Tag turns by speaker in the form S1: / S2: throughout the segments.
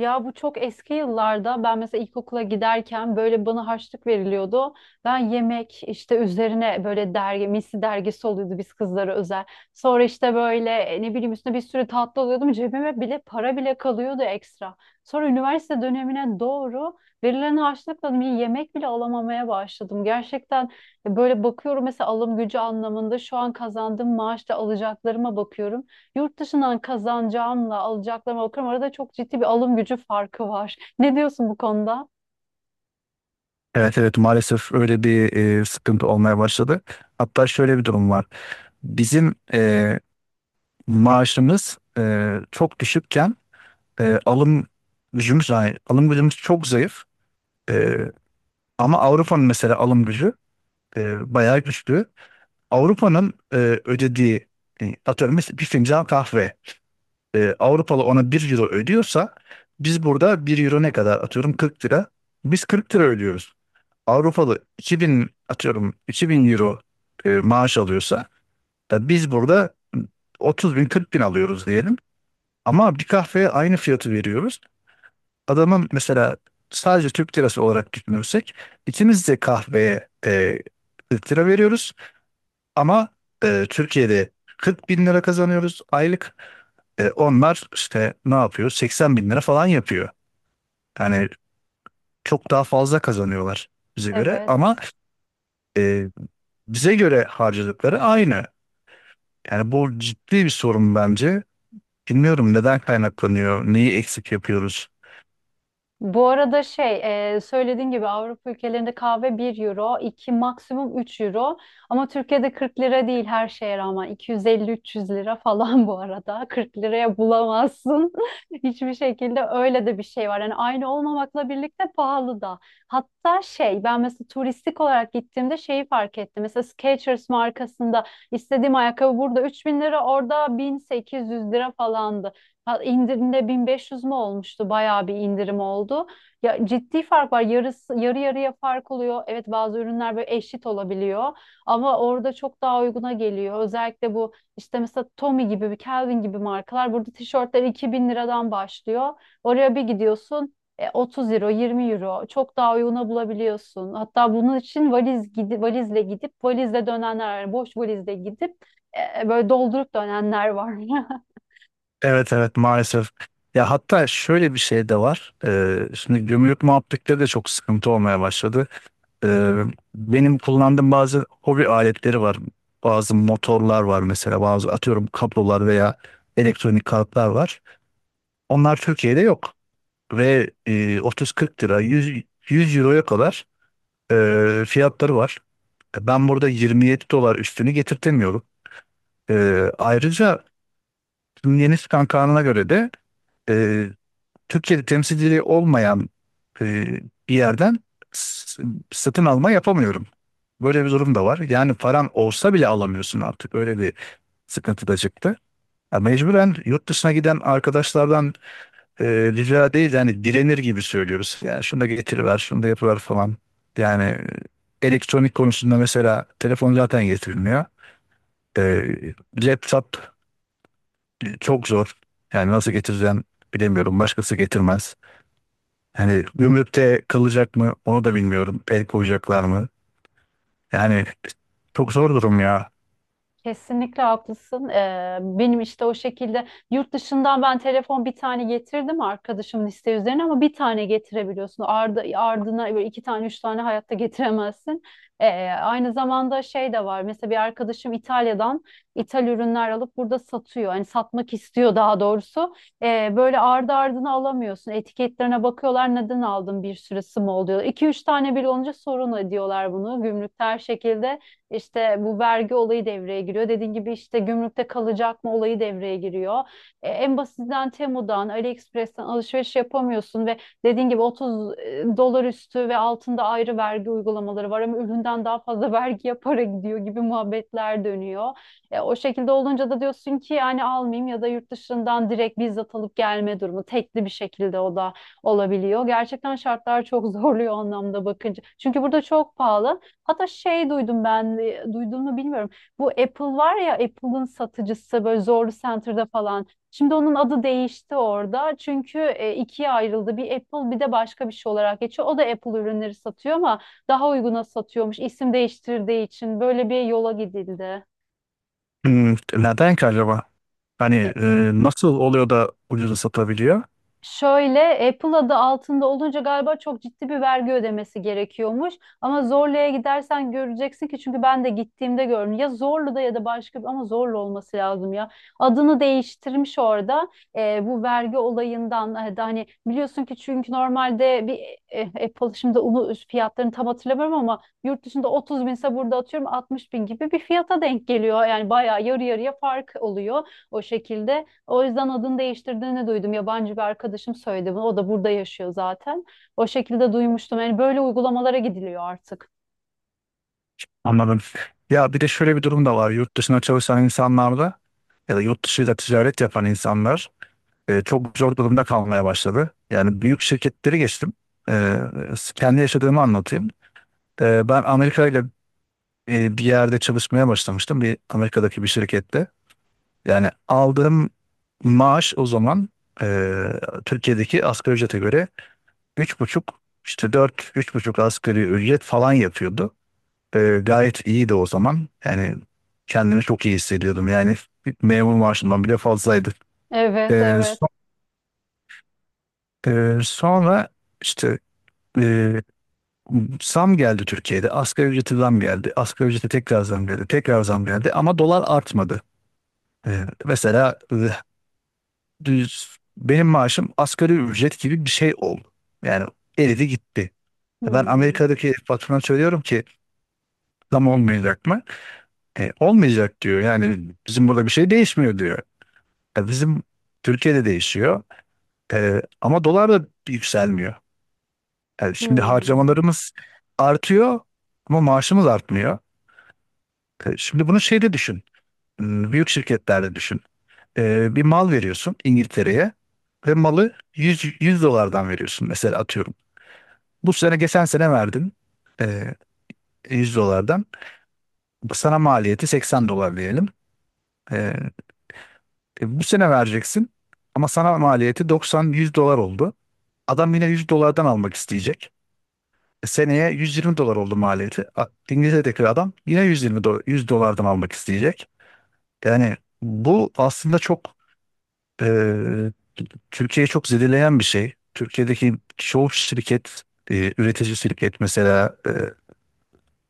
S1: Ya bu çok eski yıllarda ben mesela ilkokula giderken böyle bana harçlık veriliyordu. Ben yemek işte üzerine böyle dergi, misli dergisi oluyordu biz kızlara özel. Sonra işte böyle ne bileyim üstüne bir sürü tatlı alıyordum. Cebime bile para bile kalıyordu ekstra. Sonra üniversite dönemine doğru verilen harçlıkla bir yemek bile alamamaya başladım. Gerçekten böyle bakıyorum mesela alım gücü anlamında şu an kazandığım maaşla alacaklarıma bakıyorum. Yurt dışından kazanacağımla alacaklarıma bakıyorum. Arada çok ciddi bir alım gücü farkı var. Ne diyorsun bu konuda?
S2: Evet, evet, maalesef öyle bir sıkıntı olmaya başladı. Hatta şöyle bir durum var. Bizim maaşımız çok düşükken alım gücümüz zayıf. Alım gücümüz çok zayıf. E, ama Avrupa'nın mesela alım gücü bayağı güçlü. Avrupa'nın ödediği atıyorum mesela bir fincan kahve. Avrupalı ona bir euro ödüyorsa biz burada bir euro ne kadar atıyorum 40 lira. Biz 40 lira ödüyoruz. Avrupalı 2.000 atıyorum 2.000 euro maaş alıyorsa biz burada 30 bin 40 bin alıyoruz diyelim. Ama bir kahveye aynı fiyatı veriyoruz. Adamın mesela sadece Türk lirası olarak düşünürsek ikimiz de kahveye 40 lira veriyoruz. Ama Türkiye'de 40 bin lira kazanıyoruz aylık. Onlar işte ne yapıyor? 80 bin lira falan yapıyor. Yani çok daha fazla kazanıyorlar bize göre
S1: Evet.
S2: ama e, bize göre harcadıkları aynı. Yani bu ciddi bir sorun bence. Bilmiyorum neden kaynaklanıyor, neyi eksik yapıyoruz.
S1: Bu arada şey söylediğin gibi Avrupa ülkelerinde kahve bir euro, 2 maksimum 3 euro ama Türkiye'de 40 lira değil, her şeye rağmen 250-300 lira falan bu arada, 40 liraya bulamazsın hiçbir şekilde. Öyle de bir şey var yani, aynı olmamakla birlikte pahalı da. Hatta şey, ben mesela turistik olarak gittiğimde şeyi fark ettim. Mesela Skechers markasında istediğim ayakkabı burada 3000 lira, orada 1800 lira falandı. Ha, indirimde 1500 mü olmuştu? Bayağı bir indirim oldu. Ya, ciddi fark var. Yarısı, yarı yarıya fark oluyor. Evet, bazı ürünler böyle eşit olabiliyor ama orada çok daha uyguna geliyor. Özellikle bu işte mesela Tommy gibi, bir Calvin gibi markalar, burada tişörtler 2000 liradan başlıyor. Oraya bir gidiyorsun 30 euro, 20 euro çok daha uyguna bulabiliyorsun. Hatta bunun için valizle gidip valizle dönenler var. Boş valizle gidip böyle doldurup dönenler var.
S2: Evet, evet, maalesef. Ya hatta şöyle bir şey de var. Şimdi gümrük muhabbetleri de çok sıkıntı olmaya başladı. Ee, benim kullandığım bazı hobi aletleri var. Bazı motorlar var mesela, bazı atıyorum kablolar veya elektronik kartlar var. Onlar Türkiye'de yok. Ve 30-40 lira, 100, 100 euroya kadar fiyatları var. Ben burada 27 dolar üstünü getirtemiyorum. E, ayrıca yeni çıkan kanuna göre de e, Türkiye'de temsilciliği olmayan e, bir yerden s- satın alma yapamıyorum. Böyle bir durum da var. Yani paran olsa bile alamıyorsun artık. Öyle bir sıkıntı da çıktı. Ya mecburen yurt dışına giden arkadaşlardan rica değil yani direnir gibi söylüyoruz. Yani şunu da getiriver, şunu da yapıver falan. Yani elektronik konusunda mesela telefon zaten getirilmiyor. E, laptop çok zor. Yani nasıl getireceğim bilemiyorum. Başkası getirmez. Hani gümrükte kalacak mı onu da bilmiyorum. El koyacaklar mı? Yani çok zor durum ya.
S1: Kesinlikle haklısın. Benim işte o şekilde yurt dışından ben telefon bir tane getirdim arkadaşımın isteği üzerine, ama bir tane getirebiliyorsun. Ardı ardına böyle iki tane, üç tane hayatta getiremezsin. Aynı zamanda şey de var. Mesela bir arkadaşım İtalya'dan ithal ürünler alıp burada satıyor. Hani satmak istiyor daha doğrusu. Böyle ardı ardına alamıyorsun. Etiketlerine bakıyorlar, neden aldın, bir sürü mı oluyor. İki üç tane bile olunca sorun ediyorlar bunu. Gümrükte her şekilde. İşte bu vergi olayı devreye giriyor. Dediğin gibi işte gümrükte kalacak mı olayı devreye giriyor. En basitinden Temu'dan, AliExpress'ten alışveriş yapamıyorsun ve dediğin gibi 30 dolar üstü ve altında ayrı vergi uygulamaları var, ama üründen daha fazla vergiye para gidiyor gibi muhabbetler dönüyor. O şekilde olunca da diyorsun ki yani almayayım, ya da yurt dışından direkt bizzat alıp gelme durumu, tekli bir şekilde o da olabiliyor. Gerçekten şartlar çok zorluyor o anlamda bakınca. Çünkü burada çok pahalı. Hatta şey duydum ben, duydum mu bilmiyorum. Bu Apple var ya, Apple'ın satıcısı böyle Zorlu Center'da falan. Şimdi onun adı değişti orada. Çünkü ikiye ayrıldı. Bir Apple, bir de başka bir şey olarak geçiyor. O da Apple ürünleri satıyor ama daha uyguna satıyormuş. İsim değiştirdiği için böyle bir yola gidildi.
S2: Neden ki acaba? Hani nasıl oluyor da ucuza satabiliyor?
S1: Şöyle, Apple adı altında olunca galiba çok ciddi bir vergi ödemesi gerekiyormuş. Ama Zorlu'ya gidersen göreceksin, ki çünkü ben de gittiğimde gördüm. Ya Zorlu'da ya da başka bir, ama Zorlu olması lazım ya. Adını değiştirmiş orada bu vergi olayından da, hani biliyorsun ki çünkü normalde bir Apple, şimdi onu, fiyatlarını tam hatırlamıyorum ama yurt dışında 30 binse burada atıyorum 60 bin gibi bir fiyata denk geliyor. Yani bayağı yarı yarıya fark oluyor o şekilde. O yüzden adını değiştirdiğini duydum. Yabancı bir arkadaşım söyledi bunu. O da burada yaşıyor zaten. O şekilde duymuştum. Yani böyle uygulamalara gidiliyor artık.
S2: Anladım. Ya bir de şöyle bir durum da var. Yurt dışına çalışan insanlarda ya da yurt dışıyla ticaret yapan insanlar çok zor durumda kalmaya başladı. Yani büyük şirketleri geçtim. E, kendi yaşadığımı anlatayım. Ben Amerika ile bir yerde çalışmaya başlamıştım. Bir Amerika'daki bir şirkette. Yani aldığım maaş o zaman Türkiye'deki asgari ücrete göre üç buçuk işte dört üç buçuk asgari ücret falan yapıyordu. Gayet iyiydi o zaman. Yani kendimi çok iyi hissediyordum. Yani bir memur maaşından bile fazlaydı. Eee,
S1: Evet, evet.
S2: so- sonra işte eee, zam geldi Türkiye'de. Asgari ücrete zam geldi. Asgari ücrete tekrar zam geldi. Tekrar zam geldi ama dolar artmadı. Mesela düz benim maaşım asgari ücret gibi bir şey oldu. Yani eridi gitti. Ben
S1: Hmm.
S2: Amerika'daki patrona söylüyorum ki zam olmayacak mı? Olmayacak diyor. Yani bizim burada bir şey değişmiyor diyor. Bizim Türkiye'de değişiyor. Ama dolar da yükselmiyor. Yani şimdi
S1: Hmm.
S2: harcamalarımız artıyor ama maaşımız artmıyor. Şimdi bunu şeyde düşün. Büyük şirketlerde düşün. Bir mal veriyorsun İngiltere'ye ve malı yüz dolardan veriyorsun mesela atıyorum. Bu sene geçen sene verdim e, 100 dolardan. Sana maliyeti 80 dolar diyelim. E, bu sene vereceksin ama sana maliyeti 90-100 dolar oldu. Adam yine 100 dolardan almak isteyecek. Seneye 120 dolar oldu maliyeti. İngiltere'deki adam yine 100 dolardan almak isteyecek. Yani bu aslında çok e, Türkiye'yi çok zedeleyen bir şey. Türkiye'deki çoğu şirket, üretici şirket mesela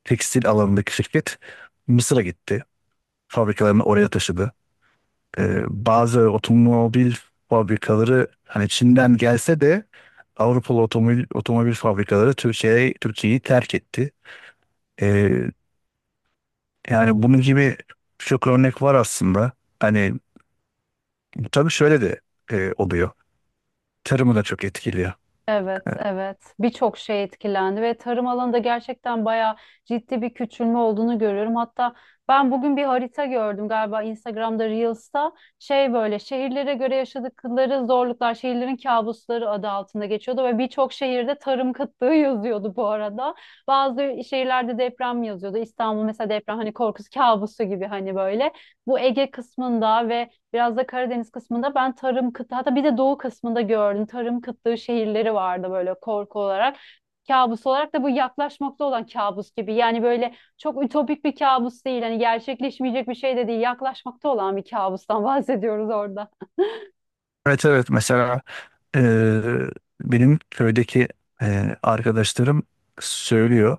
S2: tekstil alanındaki şirket Mısır'a gitti. Fabrikalarını oraya taşıdı. Bazı otomobil fabrikaları hani Çin'den gelse de Avrupalı otomobil fabrikaları Türkiye'yi terk etti. Ee, yani bunun gibi çok örnek var aslında. Hani tabii şöyle de oluyor. Tarımı da çok etkili.
S1: Evet,
S2: Evet.
S1: evet. Birçok şey etkilendi ve tarım alanında gerçekten bayağı ciddi bir küçülme olduğunu görüyorum. Hatta ben bugün bir harita gördüm, galiba Instagram'da, Reels'ta. Şey böyle, şehirlere göre yaşadıkları zorluklar, şehirlerin kabusları adı altında geçiyordu ve birçok şehirde tarım kıtlığı yazıyordu bu arada. Bazı şehirlerde deprem yazıyordu. İstanbul mesela deprem, hani korkusu, kabusu gibi hani böyle. Bu Ege kısmında ve biraz da Karadeniz kısmında ben tarım kıtlığı, hatta bir de doğu kısmında gördüm. Tarım kıtlığı şehirleri vardı böyle, korku olarak. Kabus olarak da bu, yaklaşmakta olan kabus gibi. Yani böyle çok ütopik bir kabus değil. Hani gerçekleşmeyecek bir şey de değil. Yaklaşmakta olan bir kabustan bahsediyoruz orada.
S2: Evet, evet, mesela eee, benim köydeki arkadaşlarım söylüyor.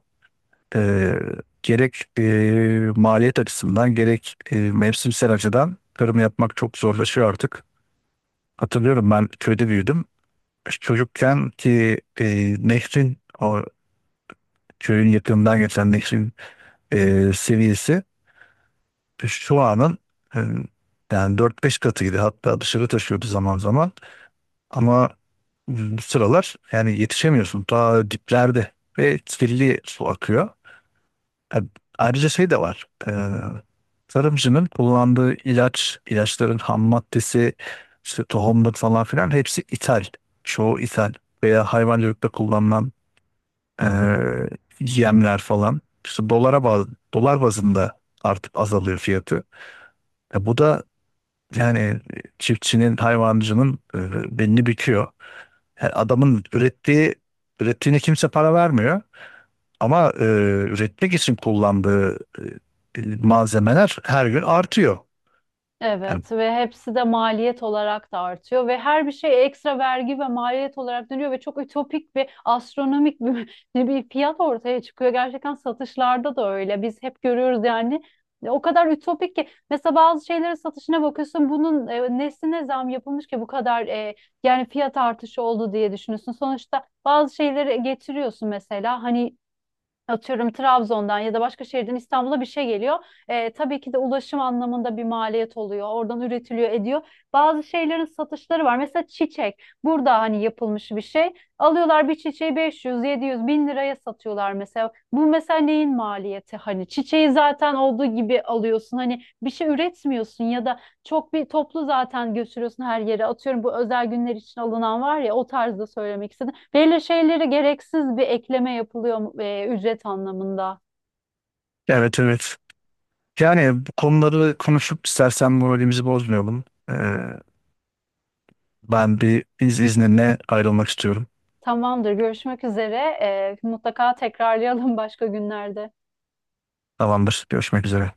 S2: Eee, gerek maliyet açısından gerek mevsimsel açıdan tarım yapmak çok zorlaşıyor artık. Hatırlıyorum ben köyde büyüdüm. Çocukken ki nehrin o köyün yakınından geçen nehrin seviyesi şu anın e, yani 4-5 katıydı. Hatta dışarı taşıyordu zaman zaman. Ama bu sıralar yani yetişemiyorsun. Ta diplerde ve kirli su akıyor. E, Ayrıca şey de var. Tarımcının kullandığı ilaç, ilaçların ham maddesi, işte tohumlar falan filan hepsi ithal. Çoğu ithal veya hayvancılıkta kullanılan Ee, yemler falan. İşte dolar bazında artık azalıyor fiyatı. Bu da yani çiftçinin, hayvancının belini büküyor. Yani adamın ürettiğine kimse para vermiyor. Ama üretmek için kullandığı malzemeler her gün artıyor. Yani.
S1: Evet, ve hepsi de maliyet olarak da artıyor ve her bir şey ekstra vergi ve maliyet olarak dönüyor ve çok ütopik ve astronomik bir, bir fiyat ortaya çıkıyor. Gerçekten satışlarda da öyle. Biz hep görüyoruz yani, o kadar ütopik ki mesela bazı şeylerin satışına bakıyorsun, bunun nesine zam yapılmış ki bu kadar, yani fiyat artışı oldu diye düşünüyorsun. Sonuçta bazı şeyleri getiriyorsun, mesela hani atıyorum Trabzon'dan ya da başka şehirden İstanbul'a bir şey geliyor. Tabii ki de ulaşım anlamında bir maliyet oluyor. Oradan üretiliyor, ediyor. Bazı şeylerin satışları var. Mesela çiçek. Burada hani yapılmış bir şey. Alıyorlar bir çiçeği 500, 700, 1000 liraya satıyorlar mesela. Bu mesela neyin maliyeti? Hani çiçeği zaten olduğu gibi alıyorsun. Hani bir şey üretmiyorsun ya da çok bir toplu zaten götürüyorsun her yere. Atıyorum bu özel günler için alınan var ya, o tarzda söylemek istedim. Belli şeylere gereksiz bir ekleme yapılıyor, ücret anlamında.
S2: Evet, evet. Yani bu konuları konuşup istersen moralimizi bozmayalım. Ee, ben bir izninle ayrılmak istiyorum.
S1: Tamamdır. Görüşmek üzere. Mutlaka tekrarlayalım başka günlerde.
S2: Tamamdır. Görüşmek üzere.